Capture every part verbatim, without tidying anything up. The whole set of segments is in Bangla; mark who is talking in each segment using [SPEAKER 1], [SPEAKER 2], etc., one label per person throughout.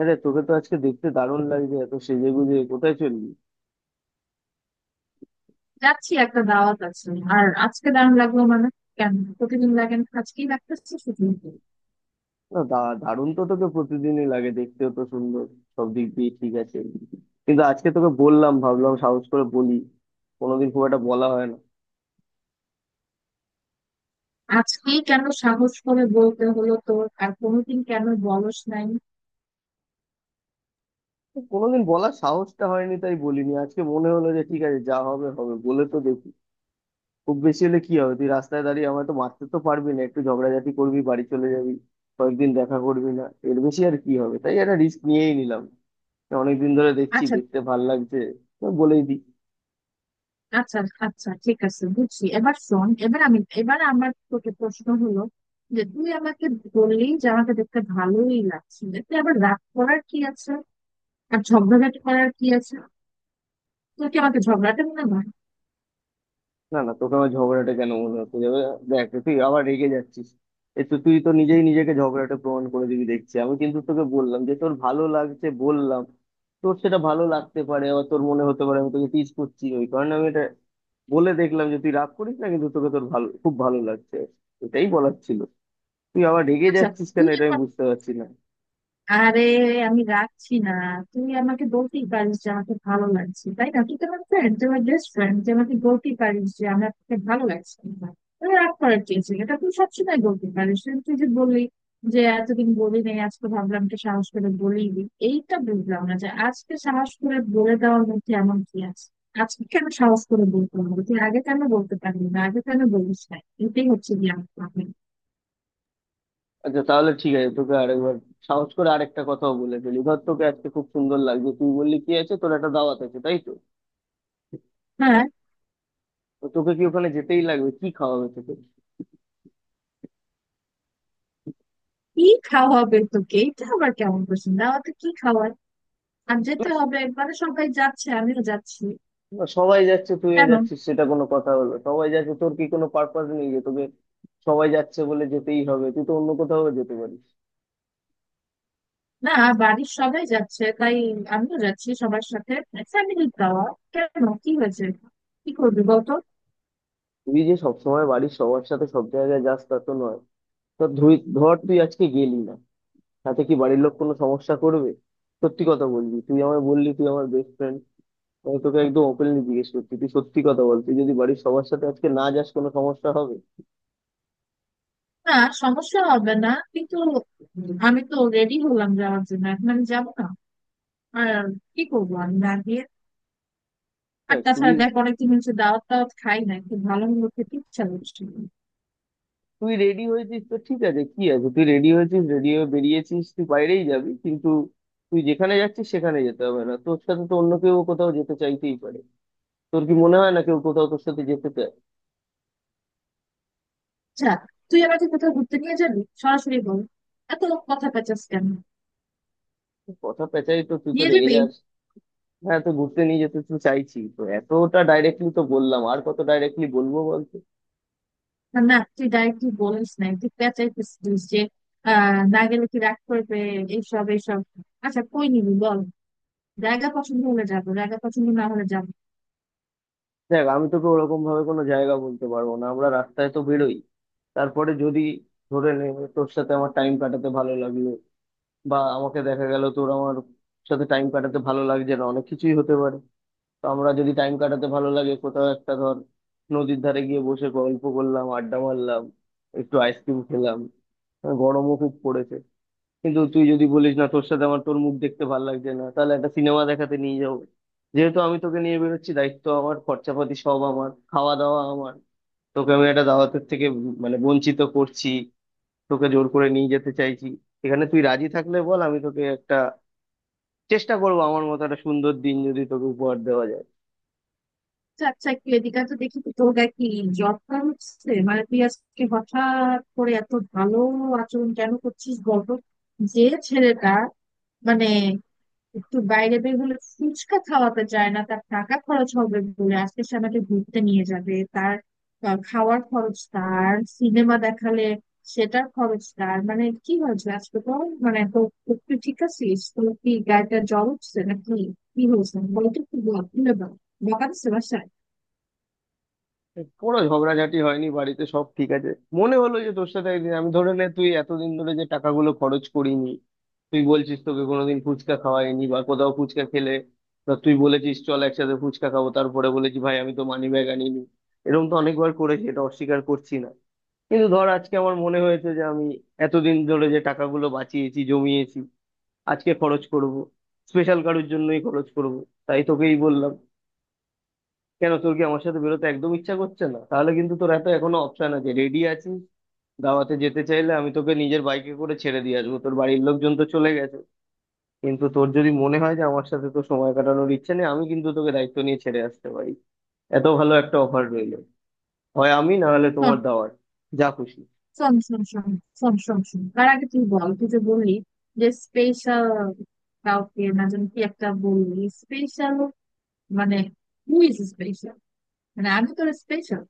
[SPEAKER 1] আরে তোকে তো আজকে দেখতে দারুণ লাগছে, এত সেজে গুজে কোথায় চললি?
[SPEAKER 2] যাচ্ছি, একটা দাওয়াত আছে। আর আজকে দারুণ লাগলো মানে কেন, প্রতিদিন লাগেন? আজকেই লাগতেছে শুধু?
[SPEAKER 1] না দা- দারুণ তো তোকে প্রতিদিনই লাগে, দেখতেও তো সুন্দর, সব দিক দিয়ে ঠিক আছে। কিন্তু আজকে তোকে বললাম, ভাবলাম সাহস করে বলি। কোনোদিন খুব একটা বলা হয় না।
[SPEAKER 2] আজকেই কেন সাহস করে বলতে হলো তোর? আর কোনোদিন কেন বলস নাই?
[SPEAKER 1] তো কোনোদিন বলার সাহসটা হয়নি তাই বলিনি, আজকে মনে হলো যে ঠিক আছে, যা হবে হবে, বলে তো দেখি। খুব বেশি হলে কি হবে, তুই রাস্তায় দাঁড়িয়ে আমায় তো মারতে তো পারবি না, একটু ঝগড়াঝাটি করবি, বাড়ি চলে যাবি, কয়েকদিন দেখা করবি না। এর বেশি আর কি হবে, তাই একটা রিস্ক নিয়েই নিলাম। অনেকদিন ধরে দেখছি,
[SPEAKER 2] আচ্ছা,
[SPEAKER 1] দেখতে ভাল লাগছে, তো বলেই দিই।
[SPEAKER 2] আচ্ছা, আচ্ছা, ঠিক আছে, বুঝছি। এবার শোন, এবার আমি, এবার আমার তোকে প্রশ্ন হলো যে তুই আমাকে বললি যে আমাকে দেখতে ভালোই লাগছে, এতে আবার রাগ করার কি আছে? আর ঝগড়াঝাটি করার কি আছে? তুই কি আমাকে ঝগড়াটা মনে হয়?
[SPEAKER 1] না না, তোকে আমার ঝগড়াটা কেন মনে হচ্ছে যাবে। দেখ, তুই আবার রেগে যাচ্ছিস। এ তো তুই তো নিজেই নিজেকে ঝগড়াটা প্রমাণ করে দিবি দেখছি। আমি কিন্তু তোকে বললাম যে তোর ভালো লাগছে বললাম। তোর সেটা ভালো লাগতে পারে, আবার তোর মনে হতে পারে আমি তোকে টিজ করছি, ওই কারণে আমি এটা বলে দেখলাম যে তুই রাগ করিস না। কিন্তু তোকে, তোর ভালো, খুব ভালো লাগছে, এটাই বলার ছিল। তুই আবার রেগে
[SPEAKER 2] আচ্ছা,
[SPEAKER 1] যাচ্ছিস কেন
[SPEAKER 2] তুই
[SPEAKER 1] এটা আমি
[SPEAKER 2] আমার,
[SPEAKER 1] বুঝতে পারছি না।
[SPEAKER 2] আরে আমি রাখছি না। তুই আমাকে বলতেই পারিস যে আমাকে ভালো লাগছে, তাই না? তুই তো আমার ফ্রেন্ড, তুই আমার বেস্ট ফ্রেন্ড, তুই আমাকে বলতেই পারিস যে আমার তোকে ভালো লাগছে না। তুই রাগ করার চেয়েছিলি, এটা তুই সবসময় বলতে পারিস। কিন্তু তুই যে বললি যে এতদিন বলি নাই, আজকে ভাবলাম তো সাহস করে বলেই দিই, এইটা বুঝলাম না যে আজকে সাহস করে বলে দেওয়ার মধ্যে এমন কি আছে। আজকে কেন সাহস করে বলতে হবে? তুই আগে কেন বলতে পারলি না? আগে কেন বলিস না? এটাই হচ্ছে গিয়ে আমার problem।
[SPEAKER 1] আচ্ছা তাহলে ঠিক আছে, তোকে আরেকবার সাহস করে আরেকটা কথাও বলে ফেলি। ধর, তোকে আজকে খুব সুন্দর লাগছে, তুই বললি কি আছে তোর একটা দাওয়াত আছে, তাই তো?
[SPEAKER 2] হ্যাঁ।
[SPEAKER 1] তো তোকে কি ওখানে যেতেই লাগবে? কি খাওয়াবে তোকে?
[SPEAKER 2] কি খাওয়াবে তোকে, এটা আবার কেমন প্রশ্ন? দাওয়াতে কি খাওয়ায়? আর যেতে
[SPEAKER 1] ব্যাস,
[SPEAKER 2] হবে মানে সবাই যাচ্ছে, আমিও যাচ্ছি।
[SPEAKER 1] সবাই যাচ্ছে তুইও
[SPEAKER 2] কেন?
[SPEAKER 1] যাচ্ছিস, সেটা কোনো কথা হলো? সবাই যাচ্ছে, তোর কি কোনো পারপাস নেই যে তোকে সবাই যাচ্ছে বলে যেতেই হবে? তুই তো অন্য কোথাও যেতে পারিস।
[SPEAKER 2] না, বাড়ির সবাই যাচ্ছে, তাই আমিও যাচ্ছি সবার সাথে। ফ্যামিলি খাওয়া। কেন, কি হয়েছে? কি করবি বলতো?
[SPEAKER 1] তুই যে সবসময় বাড়ির সবার সাথে সব জায়গায় যাস তা তো নয়। তো ধুই ধর তুই আজকে গেলি না, তাতে কি বাড়ির লোক কোনো সমস্যা করবে? সত্যি কথা বলবি, তুই আমায় বললি তুই আমার বেস্ট ফ্রেন্ড, আমি তোকে একদম ওপেনলি জিজ্ঞেস করছি, তুই সত্যি কথা বল, তুই যদি বাড়ির সবার সাথে আজকে না যাস কোনো সমস্যা হবে?
[SPEAKER 2] না, সমস্যা হবে না, কিন্তু আমি তো রেডি হলাম যাওয়ার জন্য, এখন আমি যাবো না। আর কি করবো আমি না গিয়ে? আর
[SPEAKER 1] দেখ, তুই,
[SPEAKER 2] তাছাড়া দেখ, অনেকদিন হচ্ছে দাওয়াত টাওয়াত খাই না, খুব ভালো মন্দ খেতে ইচ্ছা করছিল।
[SPEAKER 1] তুই রেডি হয়েছিস তো ঠিক আছে, কি আছে, তুই রেডি হয়েছিস, রেডি হয়ে বেরিয়েছিস, তুই বাইরেই যাবি, কিন্তু তুই যেখানে যাচ্ছিস সেখানে যেতে হবে না, তোর সাথে তো অন্য কেউ কোথাও যেতে চাইতেই পারে। তোর কি মনে হয় না কেউ কোথাও তোর সাথে যেতে চায়?
[SPEAKER 2] আচ্ছা, তুই আমাকে কোথাও ঘুরতে নিয়ে যাবি? সরাসরি বল, এত কথা পেঁচাস কেন?
[SPEAKER 1] তুই কথা পেঁচাই তো তুই তো
[SPEAKER 2] নিয়ে
[SPEAKER 1] রেগে
[SPEAKER 2] যাবি?
[SPEAKER 1] যাস। হ্যাঁ, তো ঘুরতে নিয়ে যেতে তো চাইছি, তো এতটা ডাইরেক্টলি তো বললাম, আর কত ডাইরেক্টলি বলবো বলতে।
[SPEAKER 2] না না, তুই ডাইরেক্টলি বলিস নাই, তুই পেঁচাইতেছিস যে আহ, না গেলে কি রাগ করবে, এইসব এইসব। আচ্ছা, কই নিবি বল। জায়গা পছন্দ হলে যাবো, জায়গা পছন্দ না হলে যাবো।
[SPEAKER 1] দেখ, আমি তোকে ওরকম ভাবে কোনো জায়গা বলতে পারবো না, আমরা রাস্তায় তো বেরোই, তারপরে যদি, ধরে নে তোর সাথে আমার টাইম কাটাতে ভালো লাগলো, বা আমাকে দেখা গেল তোর আমার সাথে টাইম কাটাতে ভালো লাগছে না, অনেক কিছুই হতে পারে। তো আমরা যদি টাইম কাটাতে ভালো লাগে কোথাও একটা, ধর, নদীর ধারে গিয়ে বসে গল্প করলাম, আড্ডা মারলাম, একটু আইসক্রিম খেলাম, হ্যাঁ, গরমও খুব পড়েছে। কিন্তু তুই যদি বলিস না তোর সাথে আমার, তোর মুখ দেখতে ভালো লাগছে না, তাহলে একটা সিনেমা দেখাতে নিয়ে যাবো। যেহেতু আমি তোকে নিয়ে বেরোচ্ছি, দায়িত্ব আমার, খরচাপাতি সব আমার, খাওয়া দাওয়া আমার। তোকে আমি একটা দাওয়াতের থেকে মানে বঞ্চিত করছি, তোকে জোর করে নিয়ে যেতে চাইছি। এখানে তুই রাজি থাকলে বল, আমি তোকে একটা চেষ্টা করবো আমার মতো একটা সুন্দর দিন যদি তোকে উপহার দেওয়া যায়।
[SPEAKER 2] আচ্ছা আচ্ছা, একটু এদিকে তো দেখি তো, তোর গায়ে কি জব হচ্ছে? মানে তুই আজকে হঠাৎ করে এত ভালো আচরণ কেন করছিস বলতো? যে ছেলেটা মানে একটু বাইরে বের হলে ফুচকা খাওয়াতে চায় না তার টাকা খরচ হবে বলে, আজকে সে আমাকে ঘুরতে নিয়ে যাবে, তার আহ, খাওয়ার খরচ তার, সিনেমা দেখালে সেটার খরচ তার, মানে কি হয়েছে আজকে তো, মানে তো তো তুই ঠিক আছিস? তোর কি গাড়িটা জ্বর উঠছে নাকি? কি হয়েছে বলে তো, একটু বল, খুলে বল। বকা দিচ্ছে বাসায়?
[SPEAKER 1] কোনো ঝগড়াঝাটি হয়নি, বাড়িতে সব ঠিক আছে। মনে হলো যে তোর সাথে একদিন আমি, ধরে নে, তুই এতদিন ধরে যে টাকাগুলো খরচ করিনি, তুই বলছিস তোকে কোনোদিন ফুচকা খাওয়াইনি, বা কোথাও ফুচকা খেলে, বা তুই বলেছিস চল একসাথে ফুচকা খাবো, তারপরে বলেছি ভাই আমি তো মানি ব্যাগ আনিনি, এরকম তো অনেকবার করেছি, এটা অস্বীকার করছি না। কিন্তু ধর, আজকে আমার মনে হয়েছে যে আমি এতদিন ধরে যে টাকাগুলো বাঁচিয়েছি, জমিয়েছি, আজকে খরচ করব, স্পেশাল কারোর জন্যই খরচ করব, তাই তোকেই বললাম। কেন, তোর কি আমার সাথে বেরোতে একদম ইচ্ছা করছে না? তাহলে কিন্তু তোর এত এখনো অপশন আছে, রেডি আছিস, দাওয়াতে যেতে চাইলে আমি তোকে নিজের বাইকে করে ছেড়ে দিয়ে আসবো, তোর বাড়ির লোকজন তো চলে গেছে। কিন্তু তোর যদি মনে হয় যে আমার সাথে তো সময় কাটানোর ইচ্ছে নেই, আমি কিন্তু তোকে দায়িত্ব নিয়ে ছেড়ে আসতে পারি। এত ভালো একটা অফার রইলো, হয় আমি না হলে তোমার দাওয়ার, যা খুশি।
[SPEAKER 2] শোন শোন শোন শোন শোন শোন শোন তার আগে তুই বল, তুই যে বললি যে স্পেশাল কাউকে, না যেন কি একটা বললি স্পেশাল, মানে হু ইজ, মানে আমি তোর স্পেশাল?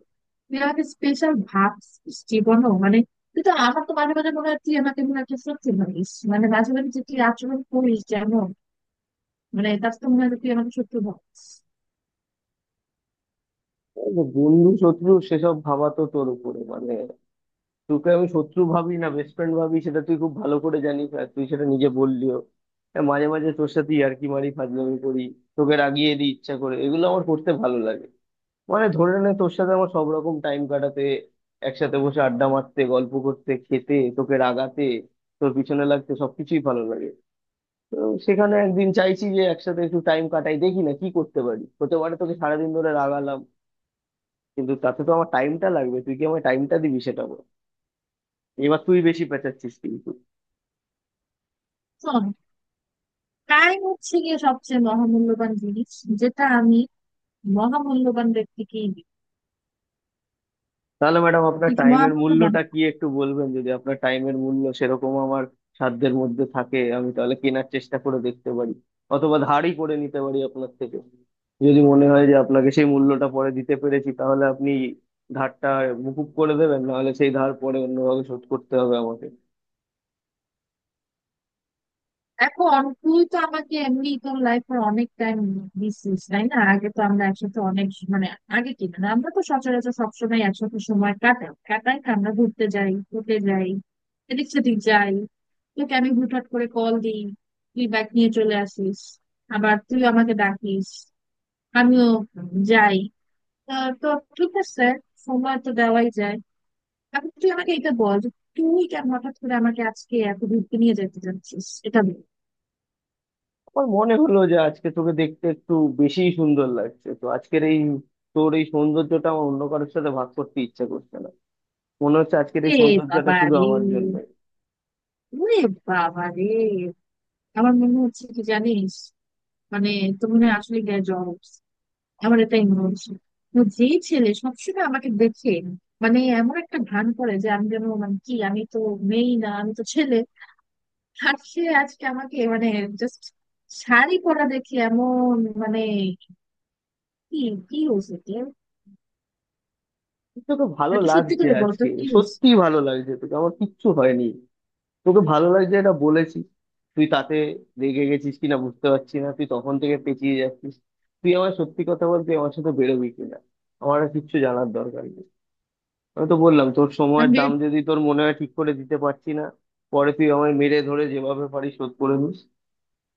[SPEAKER 2] তুই আমাকে স্পেশাল ভাবছিস জীবনও মানে তুই তো আমার, তো মাঝে মাঝে মনে হয় তুই আমাকে, মনে হয় তুই শত্রু ভাবিস, মানে মাঝে মাঝে যে তুই আচরণ করিস যেমন, মানে তার তো মনে হয় যে তুই আমাকে শত্রু ভাবিস।
[SPEAKER 1] এই যে বন্ধু শত্রু সেসব ভাবা তো তোর উপরে, মানে তোকে আমি শত্রু ভাবি না, বেস্ট ফ্রেন্ড ভাবি, সেটা তুই খুব ভালো করে জানিস, আর তুই সেটা নিজে বললিও। হ্যাঁ, মাঝে মাঝে তোর সাথে ইয়ার্কি মারি, ফাজলামি করি, তোকে রাগিয়ে দিই ইচ্ছা করে, এগুলো আমার করতে ভালো লাগে। মানে ধরে নে তোর সাথে আমার সব রকম টাইম কাটাতে, একসাথে বসে আড্ডা মারতে, গল্প করতে, খেতে, তোকে রাগাতে, তোর পিছনে লাগতে সবকিছুই ভালো লাগে। তো সেখানে একদিন চাইছি যে একসাথে একটু টাইম কাটাই, দেখি না কি করতে পারি, হতে পারে তোকে সারাদিন ধরে রাগালাম, কিন্তু তাতে তো আমার টাইমটা লাগবে, তুই কি আমার টাইমটা দিবি সেটা বল। এবার তুই বেশি পেঁচাচ্ছিস কিন্তু।
[SPEAKER 2] শোন, টাইম হচ্ছে গিয়ে সবচেয়ে মহামূল্যবান জিনিস, যেটা আমি মহামূল্যবান ব্যক্তিকেই দিই।
[SPEAKER 1] তাহলে ম্যাডাম, আপনার
[SPEAKER 2] তুই কি
[SPEAKER 1] টাইমের
[SPEAKER 2] মহামূল্যবান?
[SPEAKER 1] মূল্যটা কি একটু বলবেন? যদি আপনার টাইমের মূল্য সেরকম আমার সাধ্যের মধ্যে থাকে, আমি তাহলে কেনার চেষ্টা করে দেখতে পারি, অথবা ধারই করে নিতে পারি আপনার থেকে। যদি মনে হয় যে আপনাকে সেই মূল্যটা পরে দিতে পেরেছি, তাহলে আপনি ধারটা মুকুব করে দেবেন, নাহলে সেই ধার পরে অন্যভাবে শোধ করতে হবে আমাকে।
[SPEAKER 2] এখন তুই তো আমাকে এমনি তোর লাইফে অনেক টাইম দিছিস, তাই না? আগে তো আমরা একসাথে অনেক স- মানে আগে কি না আমরা তো সচরাচর সবসময় একসাথে সময় কাটাই, কাটাই না? আমরা ঘুরতে যাই, ঘুরতে যাই, এদিক সেদিক যাই। তোকে আমি হুটহাট করে কল দিই, তুই ব্যাগ নিয়ে চলে আসিস। আবার তুই আমাকে ডাকিস, আমিও যাই। তা তো ঠিক আছে, সময় তো দেওয়াই যায়। এখন তুই আমাকে এটা বল যে তুই কেন হঠাৎ করে আমাকে আজকে এত ঘুরতে নিয়ে যেতে চাচ্ছিস, এটা বল।
[SPEAKER 1] আমার মনে হলো যে আজকে তোকে দেখতে একটু বেশিই সুন্দর লাগছে, তো আজকের এই, তোর এই সৌন্দর্যটা আমার অন্য কারোর সাথে ভাগ করতে ইচ্ছা করছে না, মনে হচ্ছে আজকের এই
[SPEAKER 2] রে
[SPEAKER 1] সৌন্দর্যটা
[SPEAKER 2] বাবা
[SPEAKER 1] শুধু
[SPEAKER 2] রে,
[SPEAKER 1] আমার জন্য।
[SPEAKER 2] ওরে বাবা রে! আমার মনে হচ্ছে কি জানিস, মানে তুমি না আসলে গ্যা জবস, আমার এটাই মনে হচ্ছে। তো যেই ছেলে সবসময় আমাকে দেখে মানে এমন একটা ভান করে যে আমি যেন, মানে কি আমি তো মেয়ে না, আমি তো ছেলে। আর সে আজকে আমাকে মানে জাস্ট শাড়ি পরা দেখে এমন, মানে কি, কি হয়েছে কি?
[SPEAKER 1] তোকে ভালো
[SPEAKER 2] একটু সত্যি
[SPEAKER 1] লাগছে
[SPEAKER 2] করে বলতো
[SPEAKER 1] আজকে।
[SPEAKER 2] কি হয়েছে?
[SPEAKER 1] সত্যি ভালো লাগছে তোকে, আমার কিচ্ছু হয়নি, তোকে ভালো লাগছে এটা বলেছি, তুই তাতে রেগে গেছিস কিনা বুঝতে পারছি না, তুই তখন থেকে পেঁচিয়ে যাচ্ছিস। তুই আমার, সত্যি কথা বলতে আমার সাথে বেরোবি কিনা আমার আর কিচ্ছু জানার দরকার নেই। আমি তো বললাম তোর সময়ের
[SPEAKER 2] আমি
[SPEAKER 1] দাম
[SPEAKER 2] বের-
[SPEAKER 1] যদি তোর মনে হয় ঠিক করে দিতে পারছি না, পরে তুই আমায় মেরে ধরে যেভাবে পারিস শোধ করে নিস,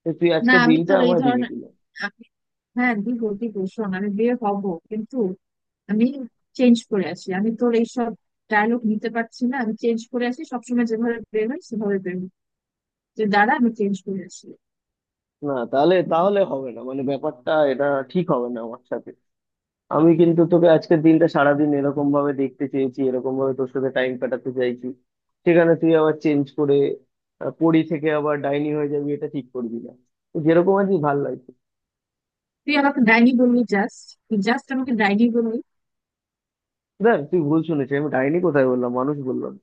[SPEAKER 1] তো তুই
[SPEAKER 2] না
[SPEAKER 1] আজকে
[SPEAKER 2] আমি
[SPEAKER 1] দিনটা
[SPEAKER 2] তোর এই
[SPEAKER 1] আমায় দিবি
[SPEAKER 2] ধরনের
[SPEAKER 1] কিনা।
[SPEAKER 2] আমি- হ্যাঁ দিব দিব, শোন আমি বিয়ে হব, কিন্তু আমি চেঞ্জ করে আসি। আমি তোর এইসব ডায়লগ নিতে পারছি না, আমি চেঞ্জ করে আসি। সবসময় যেভাবে বের হয় সেভাবে বের হয়, যে দাঁড়া আমি চেঞ্জ করে আসি।
[SPEAKER 1] না তাহলে, তাহলে হবে না, মানে ব্যাপারটা এটা ঠিক হবে না আমার সাথে। আমি কিন্তু তোকে আজকের দিনটা সারাদিন এরকম ভাবে দেখতে চেয়েছি, এরকম ভাবে তোর সাথে টাইম কাটাতে চাইছি, সেখানে তুই আবার চেঞ্জ করে, আহ, পরী থেকে আবার ডাইনি হয়ে যাবি, এটা ঠিক করবি না। তো যেরকম আছি ভাল লাগছে।
[SPEAKER 2] তুই আমাকে ডাইনি বললি? জাস্ট তুই জাস্ট আমাকে ডাইনি বললি?
[SPEAKER 1] দেখ, তুই ভুল শুনেছিস, আমি ডাইনি কোথায় বললাম, মানুষ বললাম।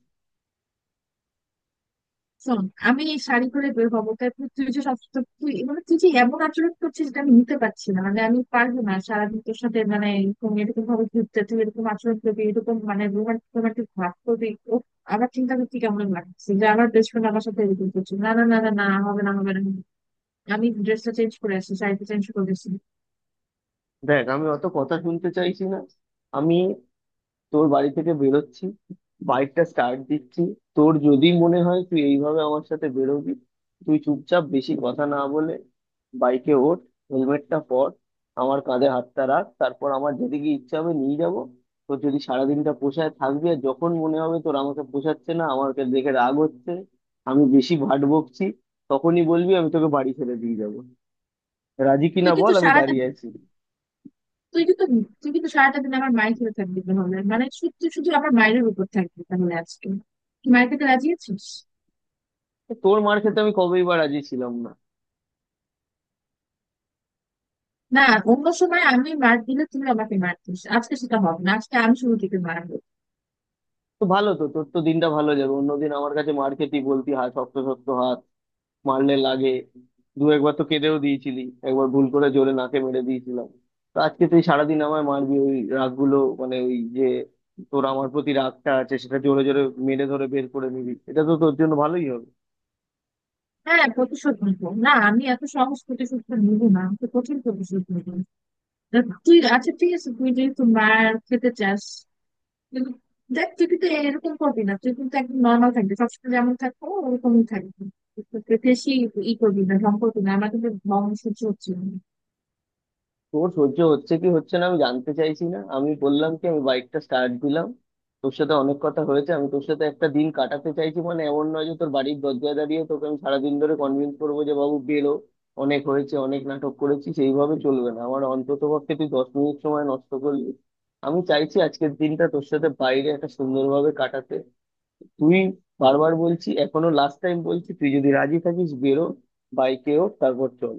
[SPEAKER 2] শোন, আমি এই শাড়ি করে বের হবো, তারপর তুই তুই যে সব তো তুই, মানে তুই যে এমন আচরণ করছিস যেটা আমি নিতে পারছি না, মানে আমি পারবো না সারাদিন তোর সাথে মানে এরকম এরকম ভাবে ঘুরতে, তুই এরকম আচরণ করবি, এরকম মানে রোমান্টিক রোমান্টিক ভাব করবি ও আমার চিন্তা করতে কেমন লাগছে যে আমার বেস্ট ফ্রেন্ড আমার সাথে এরকম করছে! না না না না না, হবে না, হবে না, আমি ড্রেসটা চেঞ্জ করে আসছি, শাড়িটা চেঞ্জ করে আসছি।
[SPEAKER 1] দেখ, আমি অত কথা শুনতে চাইছি না। আমি তোর বাড়ি থেকে বেরোচ্ছি, বাইকটা স্টার্ট দিচ্ছি, তোর যদি মনে হয় তুই এইভাবে আমার সাথে বেরোবি, তুই চুপচাপ বেশি কথা না বলে বাইকে ওঠ, হেলমেটটা পর, আমার কাঁধে হাতটা রাখ, তারপর আমার যেদিকে ইচ্ছা হবে নিয়ে যাব। তোর যদি সারাদিনটা পোষায় থাকবি, আর যখন মনে হবে তোর আমাকে পোষাচ্ছে না, আমাকে দেখে রাগ হচ্ছে, আমি বেশি ভাট বকছি, তখনই বলবি, আমি তোকে বাড়ি ছেড়ে দিয়ে যাবো। রাজি
[SPEAKER 2] তুই
[SPEAKER 1] কিনা বল,
[SPEAKER 2] কিন্তু
[SPEAKER 1] আমি
[SPEAKER 2] সারাটা
[SPEAKER 1] দাঁড়িয়ে আছি।
[SPEAKER 2] তুই কিন্তু তুই কিন্তু সারাটা দিন আমার মায়ের খেয়ে থাকবি তাহলে, মানে শুধু শুধু আমার মায়ের উপর থাকবি তাহলে আজকে, তুই মায়ের খেতে রাজি আছিস?
[SPEAKER 1] তোর মার খেতে আমি কবেই বা রাজি ছিলাম।
[SPEAKER 2] না, অন্য সময় আমি মার দিলে তুমি আমাকে মারতিস, আজকে সেটা হবে না, আজকে আমি শুরু থেকে মারবো।
[SPEAKER 1] তো ভালো, তো তোর তো দিনটা ভালো যাবে, অন্যদিন আমার কাছে মার খেতেই বলতি, হাত শক্ত, শক্ত হাত, মারলে লাগে, দু একবার তো কেঁদেও দিয়েছিলি, একবার ভুল করে জোরে নাকে মেরে দিয়েছিলাম। তো আজকে তুই সারাদিন আমায় মারবি, ওই রাগগুলো, মানে ওই যে তোর আমার প্রতি রাগটা আছে সেটা জোরে জোরে মেরে ধরে বের করে নিবি, এটা তো তোর জন্য ভালোই হবে।
[SPEAKER 2] হ্যাঁ, প্রতিশোধ নিবো, না আমি এত সহজ প্রতিশোধ নিবো না, তো কঠিন প্রতিশোধ নিবো। তা তুই, আচ্ছা ঠিক আছে, তুই যেহেতু মার খেতে চাস, কিন্তু দেখ তুই কিন্তু এরকম করবি না, তুই কিন্তু একদম নর্মাল থাকবি, সবসময় যেমন থাকবো ওরকমই থাকবি। তুই তোকে বেশি ই করবি না, ঢং করবি না, আমার কিন্তু ঢং সহ্য হচ্ছে না।
[SPEAKER 1] তোর সহ্য হচ্ছে কি হচ্ছে না আমি জানতে চাইছি না, আমি বললাম কি, আমি বাইকটা স্টার্ট দিলাম। তোর সাথে অনেক কথা হয়েছে, আমি তোর সাথে একটা দিন কাটাতে চাইছি, মানে এমন নয় যে তোর বাড়ির দরজায় দাঁড়িয়ে তোকে আমি সারাদিন ধরে কনভিন্স করবো যে বাবু বেরো। অনেক হয়েছে, অনেক নাটক করেছি, সেইভাবে চলবে না আমার। অন্তত পক্ষে তুই দশ মিনিট সময় নষ্ট করলি। আমি চাইছি আজকের দিনটা তোর সাথে বাইরে একটা সুন্দরভাবে কাটাতে। তুই, বারবার বলছি, এখনো লাস্ট টাইম বলছি, তুই যদি রাজি থাকিস বেরো, বাইকে হোক, তারপর চল।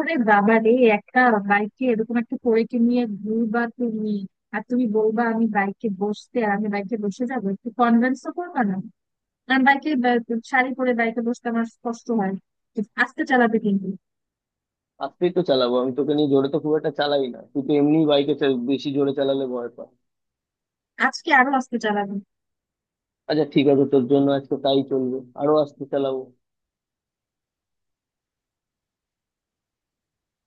[SPEAKER 2] আরে বাবা রে, একটা বাইকে এরকম একটা পরীকে নিয়ে ঘুরবা তুমি, আর তুমি বলবা আমি বাইকে বসতে আর আমি বাইকে বসে যাবো, একটু কনভিন্স তো করবা না? কারণ বাইকে শাড়ি পরে বাইকে বসতে আমার কষ্ট হয়, আস্তে চালাবে কিন্তু।
[SPEAKER 1] আজকেই তো চালাবো, আমি তোকে নিয়ে জোরে তো খুব একটা চালাই না, তুই তো এমনি বাইকে বেশি জোরে চালালে ভয় পায়।
[SPEAKER 2] আজকে আরো আস্তে চালাবে।
[SPEAKER 1] আচ্ছা ঠিক আছে, তোর জন্য আজকে তাই চলবে, আরো আস্তে চালাবো।